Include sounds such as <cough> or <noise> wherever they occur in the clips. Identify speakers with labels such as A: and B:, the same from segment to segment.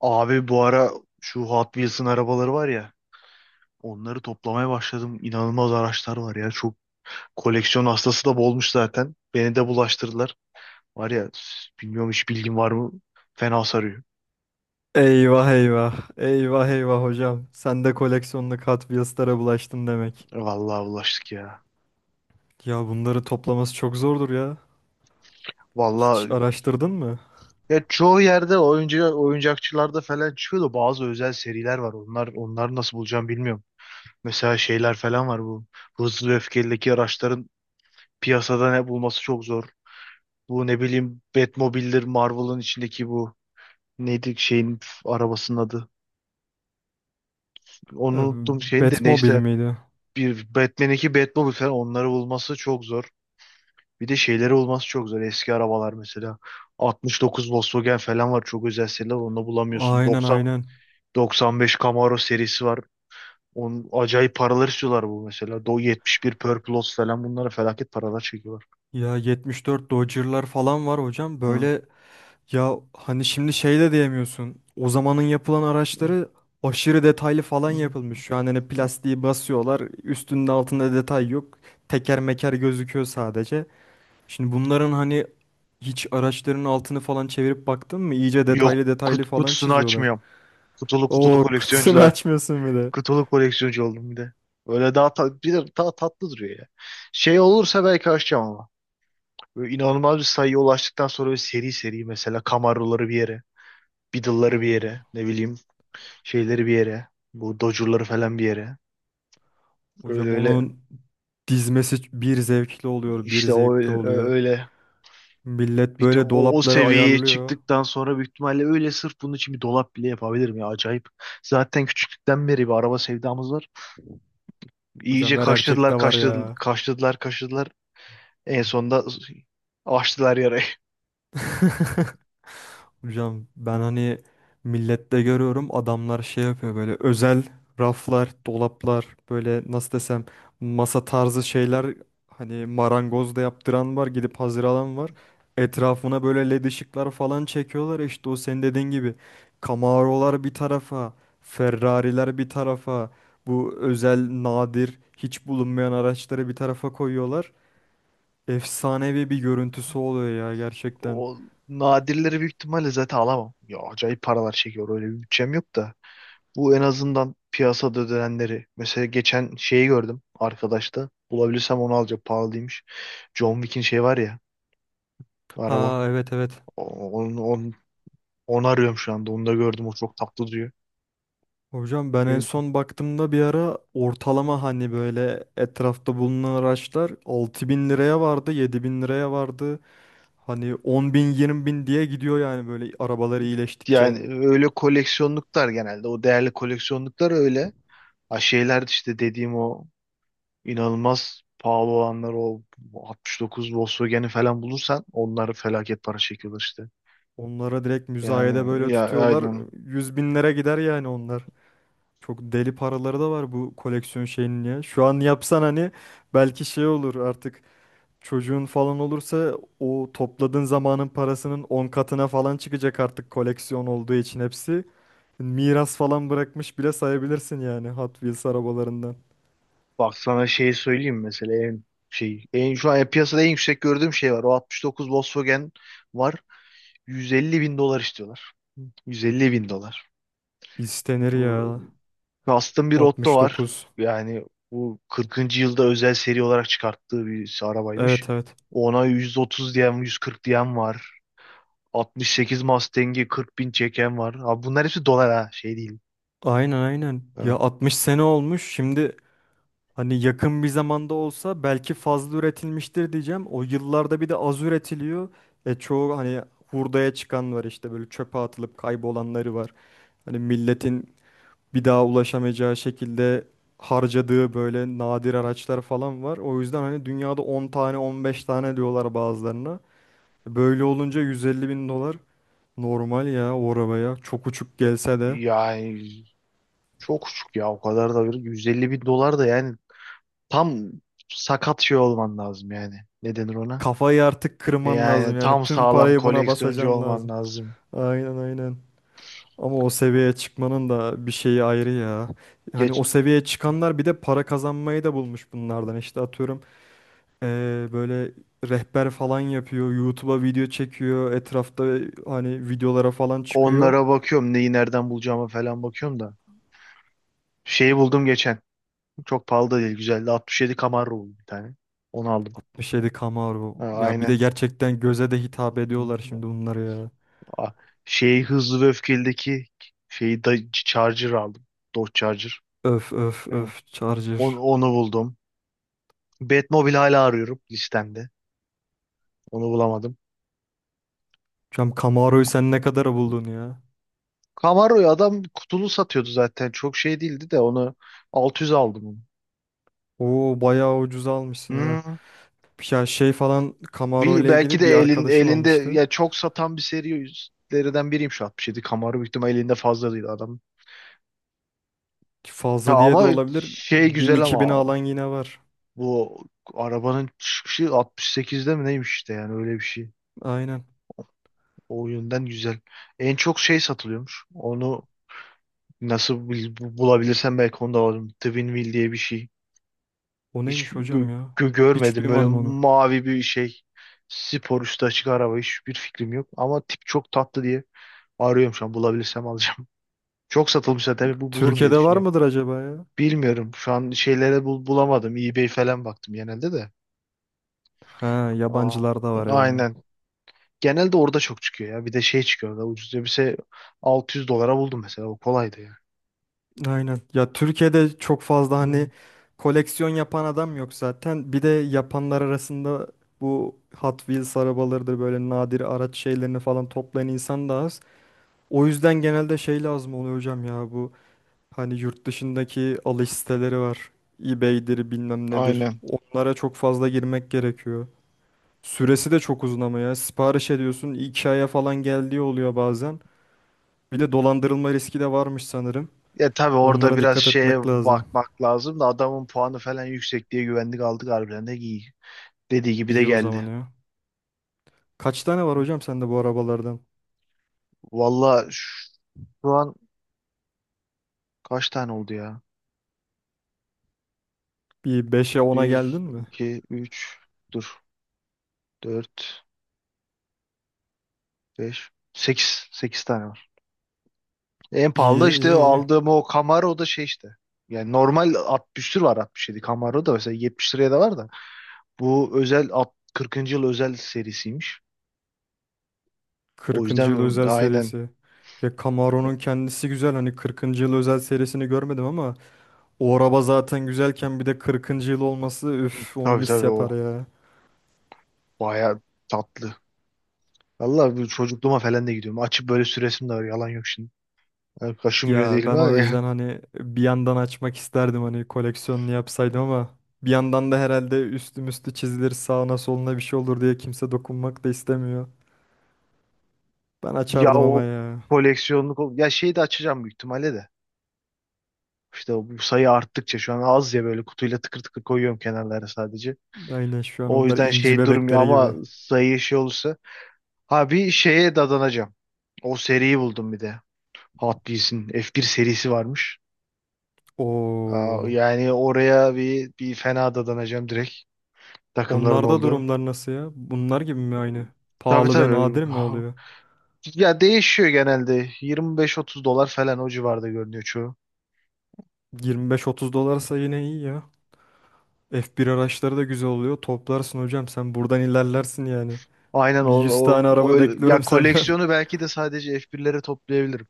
A: Abi bu ara şu Hot Wheels'ın arabaları var ya, onları toplamaya başladım. İnanılmaz araçlar var ya. Çok koleksiyon hastası da bolmuş zaten. Beni de bulaştırdılar. Var ya, bilmiyorum, hiç bilgin var mı? Fena sarıyor.
B: Eyvah eyvah. Eyvah eyvah hocam. Sen de koleksiyonlu Catwheels'lara bulaştın demek.
A: Vallahi bulaştık ya.
B: Ya bunları toplaması çok zordur ya. Hiç
A: Vallahi,
B: araştırdın mı?
A: ya çoğu yerde oyuncakçılarda falan çıkıyor da bazı özel seriler var. Onları nasıl bulacağım bilmiyorum. Mesela şeyler falan var bu. Hızlı ve Öfkeli'deki araçların piyasada ne bulması çok zor. Bu, ne bileyim, Batmobile'dir, Marvel'ın içindeki bu. Neydi şeyin arabasının adı? Onu
B: Ee,
A: unuttum, şeyin de,
B: Batmobile
A: neyse,
B: miydi?
A: bir Batman 2 Batmobile falan, onları bulması çok zor. Bir de şeyleri bulması çok zor. Eski arabalar mesela, 69 Volkswagen falan var, çok özel seriler, onu bulamıyorsun.
B: Aynen
A: 90
B: aynen.
A: 95 Camaro serisi var. Onun acayip paralar istiyorlar, bu mesela. 71 Purple Lotus falan, bunlara felaket paralar çekiyorlar.
B: Ya 74 Dodge'lar falan var hocam.
A: Hı,
B: Böyle ya hani şimdi şey de diyemiyorsun. O zamanın yapılan
A: hı,
B: araçları aşırı detaylı falan
A: hı.
B: yapılmış. Şu an hani plastiği basıyorlar. Üstünde altında detay yok. Teker meker gözüküyor sadece. Şimdi bunların hani, hiç araçların altını falan çevirip baktın mı? İyice
A: Yok,
B: detaylı detaylı falan
A: kutusunu
B: çiziyorlar.
A: açmıyorum. Kutulu kutulu
B: Oo, kutusunu <laughs>
A: koleksiyoncular.
B: açmıyorsun bile.
A: Kutulu koleksiyoncu oldum bir de. Böyle bir de daha tatlı duruyor ya. Şey olursa belki açacağım ama. Böyle inanılmaz bir sayıya ulaştıktan sonra, böyle seri seri mesela, Camaro'ları bir yere, Beetle'ları bir
B: Oo,
A: yere, ne bileyim şeyleri bir yere, bu Dodge'ları falan bir yere. Öyle
B: hocam
A: öyle
B: onun dizmesi bir zevkli oluyor, bir
A: işte
B: zevkli oluyor.
A: öyle,
B: Millet
A: bir de
B: böyle
A: o
B: dolapları
A: seviyeye
B: ayarlıyor.
A: çıktıktan sonra büyük ihtimalle öyle sırf bunun için bir dolap bile yapabilirim ya, acayip. Zaten küçüklükten beri bir araba sevdamız var. İyice
B: Hocam her
A: kaşladılar,
B: erkekte var
A: kaşladılar,
B: ya.
A: kaşladılar, kaşladılar. En sonunda açtılar yarayı.
B: <laughs> Hocam ben hani millette görüyorum, adamlar şey yapıyor böyle özel raflar, dolaplar, böyle nasıl desem masa tarzı şeyler, hani marangoz da yaptıran var, gidip hazır alan var. Etrafına böyle led ışıklar falan çekiyorlar, işte o senin dediğin gibi Camaro'lar bir tarafa, Ferrari'ler bir tarafa, bu özel nadir hiç bulunmayan araçları bir tarafa koyuyorlar. Efsanevi bir görüntüsü oluyor ya gerçekten.
A: O nadirleri büyük ihtimalle zaten alamam. Ya acayip paralar çekiyor. Öyle bir bütçem yok da. Bu en azından piyasada ödenenleri. Mesela geçen şeyi gördüm arkadaşta. Bulabilirsem onu alacağım. Pahalıymış. John Wick'in şey var ya, araba.
B: Ha, evet evet.
A: O- Onu, onu, onu arıyorum şu anda. Onu da gördüm. O çok tatlı duruyor.
B: Hocam ben en son baktığımda bir ara ortalama hani böyle etrafta bulunan araçlar 6.000 liraya vardı, 7.000 liraya vardı. Hani 10.000, 20.000 diye gidiyor yani böyle arabalar iyileştikçe.
A: Yani öyle koleksiyonluklar genelde. O değerli koleksiyonluklar öyle. Ha, şeyler işte dediğim o, İnanılmaz pahalı olanlar o 69 Volkswagen'i falan bulursan, onları felaket para çekiyorlar işte.
B: Onlara direkt müzayede
A: Yani
B: böyle
A: ya,
B: tutuyorlar.
A: aynen.
B: 100 binlere gider yani onlar. Çok deli paraları da var bu koleksiyon şeyinin ya. Şu an yapsan hani belki şey olur artık, çocuğun falan olursa o topladığın zamanın parasının 10 katına falan çıkacak artık koleksiyon olduğu için hepsi. Miras falan bırakmış bile sayabilirsin yani Hot Wheels arabalarından.
A: Bak sana şeyi söyleyeyim, mesela en şu an piyasada en yüksek gördüğüm şey var. O 69 Volkswagen var. 150 bin dolar istiyorlar. 150 bin dolar.
B: İstenir
A: Bu
B: ya.
A: Custom bir Otto var.
B: 69.
A: Yani bu 40. yılda özel seri olarak çıkarttığı bir arabaymış.
B: Evet evet.
A: Ona 130 diyen, 140 diyen var. 68 Mustang'i 40 bin çeken var. Abi, bunlar hepsi dolar ha, şey değil.
B: Aynen aynen. Ya
A: Ha.
B: 60 sene olmuş. Şimdi hani yakın bir zamanda olsa belki fazla üretilmiştir diyeceğim. O yıllarda bir de az üretiliyor. E, çoğu hani hurdaya çıkan var, işte böyle çöpe atılıp kaybolanları var. Hani milletin bir daha ulaşamayacağı şekilde harcadığı böyle nadir araçlar falan var. O yüzden hani dünyada 10 tane 15 tane diyorlar bazılarına. Böyle olunca 150 bin dolar normal ya o arabaya. Çok uçuk gelse de.
A: Yani çok küçük ya, o kadar da bir 150 bin dolar da yani tam sakat şey olman lazım yani. Ne denir ona?
B: Kafayı artık kırman lazım
A: Yani
B: yani,
A: tam
B: tüm
A: sağlam
B: parayı buna
A: koleksiyoncu
B: basacan
A: olman
B: lazım.
A: lazım.
B: Aynen aynen. Ama o seviyeye çıkmanın da bir şeyi ayrı ya. Hani
A: Geç
B: o seviyeye çıkanlar bir de para kazanmayı da bulmuş bunlardan. İşte atıyorum böyle rehber falan yapıyor. YouTube'a video çekiyor. Etrafta hani videolara falan çıkıyor.
A: Onlara bakıyorum, neyi nereden bulacağıma falan bakıyorum da. Şeyi buldum geçen. Çok pahalı da değil, güzeldi. 67 Camaro buldum bir tane. Onu aldım.
B: 67
A: Ha,
B: Camaro. Ya bir de
A: aynen.
B: gerçekten göze de hitap ediyorlar şimdi bunlar ya.
A: Aa, şey, hızlı ve öfkelideki şeyi da Charger aldım. Dodge Charger.
B: Öf öf
A: Hı.
B: öf
A: Onu,
B: Charger.
A: onu buldum. Batmobile hala arıyorum listemde. Onu bulamadım.
B: Hocam Camaro'yu sen ne kadara buldun ya?
A: Camaro'yu adam kutulu satıyordu zaten. Çok şey değildi de, onu 600 aldım onu.
B: Oo, bayağı ucuza almışsın ha.
A: Hmm.
B: Ya şey falan Camaro ile
A: Belki
B: ilgili
A: de
B: bir arkadaşım
A: elinde
B: almıştı.
A: ya, çok satan bir serilerden biriyim şu 67. Camaro büyük ihtimal elinde fazla değil adam.
B: Ki
A: Ya
B: fazla diye de
A: ama
B: olabilir.
A: şey güzel
B: 1000-2000'e
A: ama
B: alan yine var.
A: bu arabanın çıkışı 68'de mi neymiş işte, yani öyle bir şey.
B: Aynen.
A: O yönden güzel. En çok şey satılıyormuş. Onu nasıl bulabilirsem belki onu da alırım. Twin diye bir şey.
B: O
A: Hiç
B: neymiş hocam ya? Hiç
A: görmedim. Böyle
B: duymadım onu.
A: mavi bir şey. Spor üstü açık araba. Hiçbir fikrim yok. Ama tip çok tatlı diye arıyorum şu an. Bulabilirsem alacağım. <laughs> Çok satılmış zaten. Bu bulurum diye
B: Türkiye'de var
A: düşünüyorum.
B: mıdır acaba ya?
A: Bilmiyorum. Şu an şeylere bulamadım. eBay falan baktım genelde de.
B: Ha,
A: Aa,
B: yabancılarda var yani.
A: aynen. Genelde orada çok çıkıyor ya. Bir de şey çıkıyor orada. Ucuz elbise 600 dolara buldum mesela. O kolaydı
B: Aynen. Ya Türkiye'de çok fazla hani
A: ya.
B: koleksiyon yapan adam yok zaten. Bir de yapanlar arasında bu Hot Wheels arabalarıdır, böyle nadir araç şeylerini falan toplayan insan da az. O yüzden genelde şey lazım oluyor hocam ya, bu hani yurt dışındaki alış siteleri var. eBay'dir bilmem nedir.
A: Aynen.
B: Onlara çok fazla girmek gerekiyor. Süresi de çok uzun ama ya. Sipariş ediyorsun 2 aya falan geldiği oluyor bazen. Bir de dolandırılma riski de varmış sanırım.
A: Ya tabii orada
B: Onlara
A: biraz
B: dikkat
A: şeye
B: etmek lazım.
A: bakmak lazım da, adamın puanı falan yüksek diye güvendik aldık, harbiden de iyi. Dediği gibi de
B: İyi o zaman
A: geldi.
B: ya. Kaç tane var hocam sende bu arabalardan?
A: Valla şu an kaç tane oldu ya?
B: Bir beşe ona
A: Bir,
B: geldin mi?
A: iki, üç, dur, dört, beş, sekiz, 8 tane var. En pahalı
B: İyi
A: da işte
B: iyi iyi.
A: aldığım o Camaro da şey işte. Yani normal 60 tür var, 67 Camaro da mesela 70 liraya da var da. Bu özel 40. yıl özel serisiymiş. O
B: 40. yıl
A: yüzden
B: özel
A: aynen.
B: serisi. Ya Camaro'nun kendisi güzel, hani 40. yıl özel serisini görmedim ama o araba zaten güzelken bir de 40. yıl olması, üf onu
A: Tabii
B: mis
A: tabii
B: yapar
A: o.
B: ya.
A: Baya tatlı. Vallahi bu çocukluğuma falan da gidiyorum. Açıp böyle süresim de var. Yalan yok şimdi. Yani kaşınmıyor
B: Ya
A: değilim
B: ben
A: ha.
B: o yüzden hani bir yandan açmak isterdim hani koleksiyonunu yapsaydım, ama bir yandan da herhalde üstüm üstü müstü çizilir, sağına soluna bir şey olur diye kimse dokunmak da istemiyor. Ben
A: Ya
B: açardım ama
A: o
B: ya.
A: koleksiyonluk ya şeyi de açacağım büyük ihtimalle de. İşte bu sayı arttıkça şu an az ya, böyle kutuyla tıkır tıkır koyuyorum kenarlara sadece.
B: Aynen şu an
A: O
B: onlar
A: yüzden
B: inci
A: şey durmuyor
B: bebeklere
A: ama
B: gibi.
A: sayı şey olursa. Ha, bir şeye dadanacağım. O seriyi buldum bir de. Hot Wheels'in F1 serisi varmış. Aa,
B: Oo.
A: yani oraya bir fena dadanacağım direkt. Takımların
B: Onlarda
A: olduğu.
B: durumlar nasıl ya? Bunlar gibi mi aynı?
A: Tabii
B: Pahalı ve
A: tabii.
B: nadir mi oluyor?
A: Ya değişiyor genelde. 25-30 dolar falan o civarda görünüyor çoğu.
B: 25-30 dolarsa yine iyi ya. F1 araçları da güzel oluyor. Toplarsın hocam, sen buradan ilerlersin yani.
A: Aynen
B: Bir 100 tane
A: o
B: araba bekliyorum
A: ya,
B: senden.
A: koleksiyonu belki de sadece F1'lere toplayabilirim.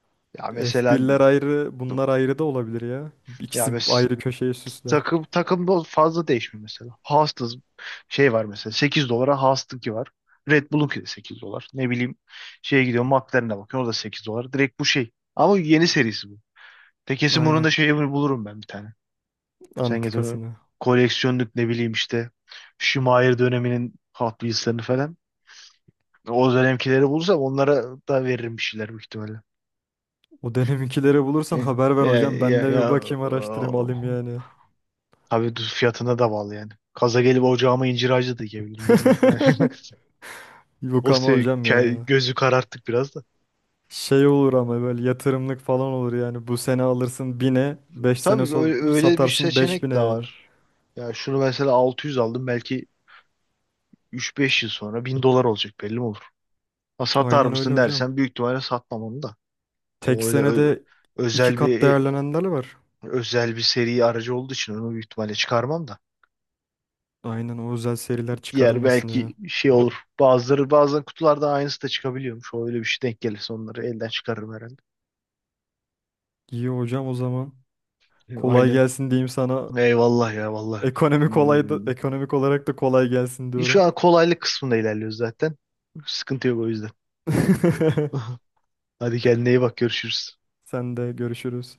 B: <laughs>
A: Ya mesela
B: F1'ler ayrı, bunlar ayrı da olabilir ya.
A: ya
B: İkisi
A: mes
B: ayrı köşeyi süsler.
A: takım takımda fazla değişmiyor mesela. Haas'ta şey var mesela 8 dolara Haas'tınki var. Red Bull'unki de 8 dolar. Ne bileyim şeye gidiyor, McLaren'e bakıyor, o da 8 dolar. Direkt bu şey. Ama yeni serisi bu. Tekesi bunun
B: Aynen.
A: da şeyi bulurum ben bir tane. Sen getir onu.
B: Antikasını.
A: Koleksiyonluk ne bileyim işte. Schumacher döneminin Hot Wheels'lerini falan. O dönemkileri bulursam onlara da veririm bir şeyler büyük ihtimalle.
B: O döneminkileri bulursan
A: Ya,
B: haber ver
A: ya,
B: hocam. Ben
A: ya,
B: de
A: ya,
B: bir bakayım, araştırayım, alayım yani.
A: tabii düz fiyatına da bağlı yani. Kaza gelip ocağıma incir ağacı da dikebilirim, bilmiyorum. Yani <laughs>
B: <laughs> Yok ama hocam ya.
A: gözü kararttık biraz da.
B: Şey olur ama böyle yatırımlık falan olur yani. Bu sene alırsın bin'e, 5 sene
A: Tabii, öyle öyle bir
B: satarsın beş
A: seçenek
B: bin'e
A: de
B: yani.
A: var. Ya şunu mesela 600 aldım, belki 3-5 yıl sonra 1000 dolar olacak, belli mi olur? Ha, satar
B: Aynen öyle
A: mısın
B: hocam.
A: dersen büyük ihtimalle satmam onu da.
B: Tek
A: O öyle ö-
B: senede iki
A: özel bir
B: kat
A: e,
B: değerlenenler var.
A: özel bir seri aracı olduğu için onu büyük ihtimalle çıkarmam da.
B: Aynen o özel seriler
A: Diğer
B: çıkarılmasın ya.
A: belki şey olur. Bazıları bazen kutularda aynısı da çıkabiliyormuş. O, öyle bir şey denk gelirse onları elden çıkarırım herhalde.
B: İyi hocam o zaman. Kolay
A: Aynen.
B: gelsin diyeyim sana.
A: Eyvallah ya, vallahi.
B: Ekonomi kolay da,
A: Hmm.
B: ekonomik olarak da kolay gelsin
A: Şu
B: diyorum.
A: an kolaylık kısmında ilerliyoruz zaten. Sıkıntı yok o yüzden.
B: <laughs>
A: <laughs> Hadi, kendine iyi bak, görüşürüz.
B: Sen de görüşürüz.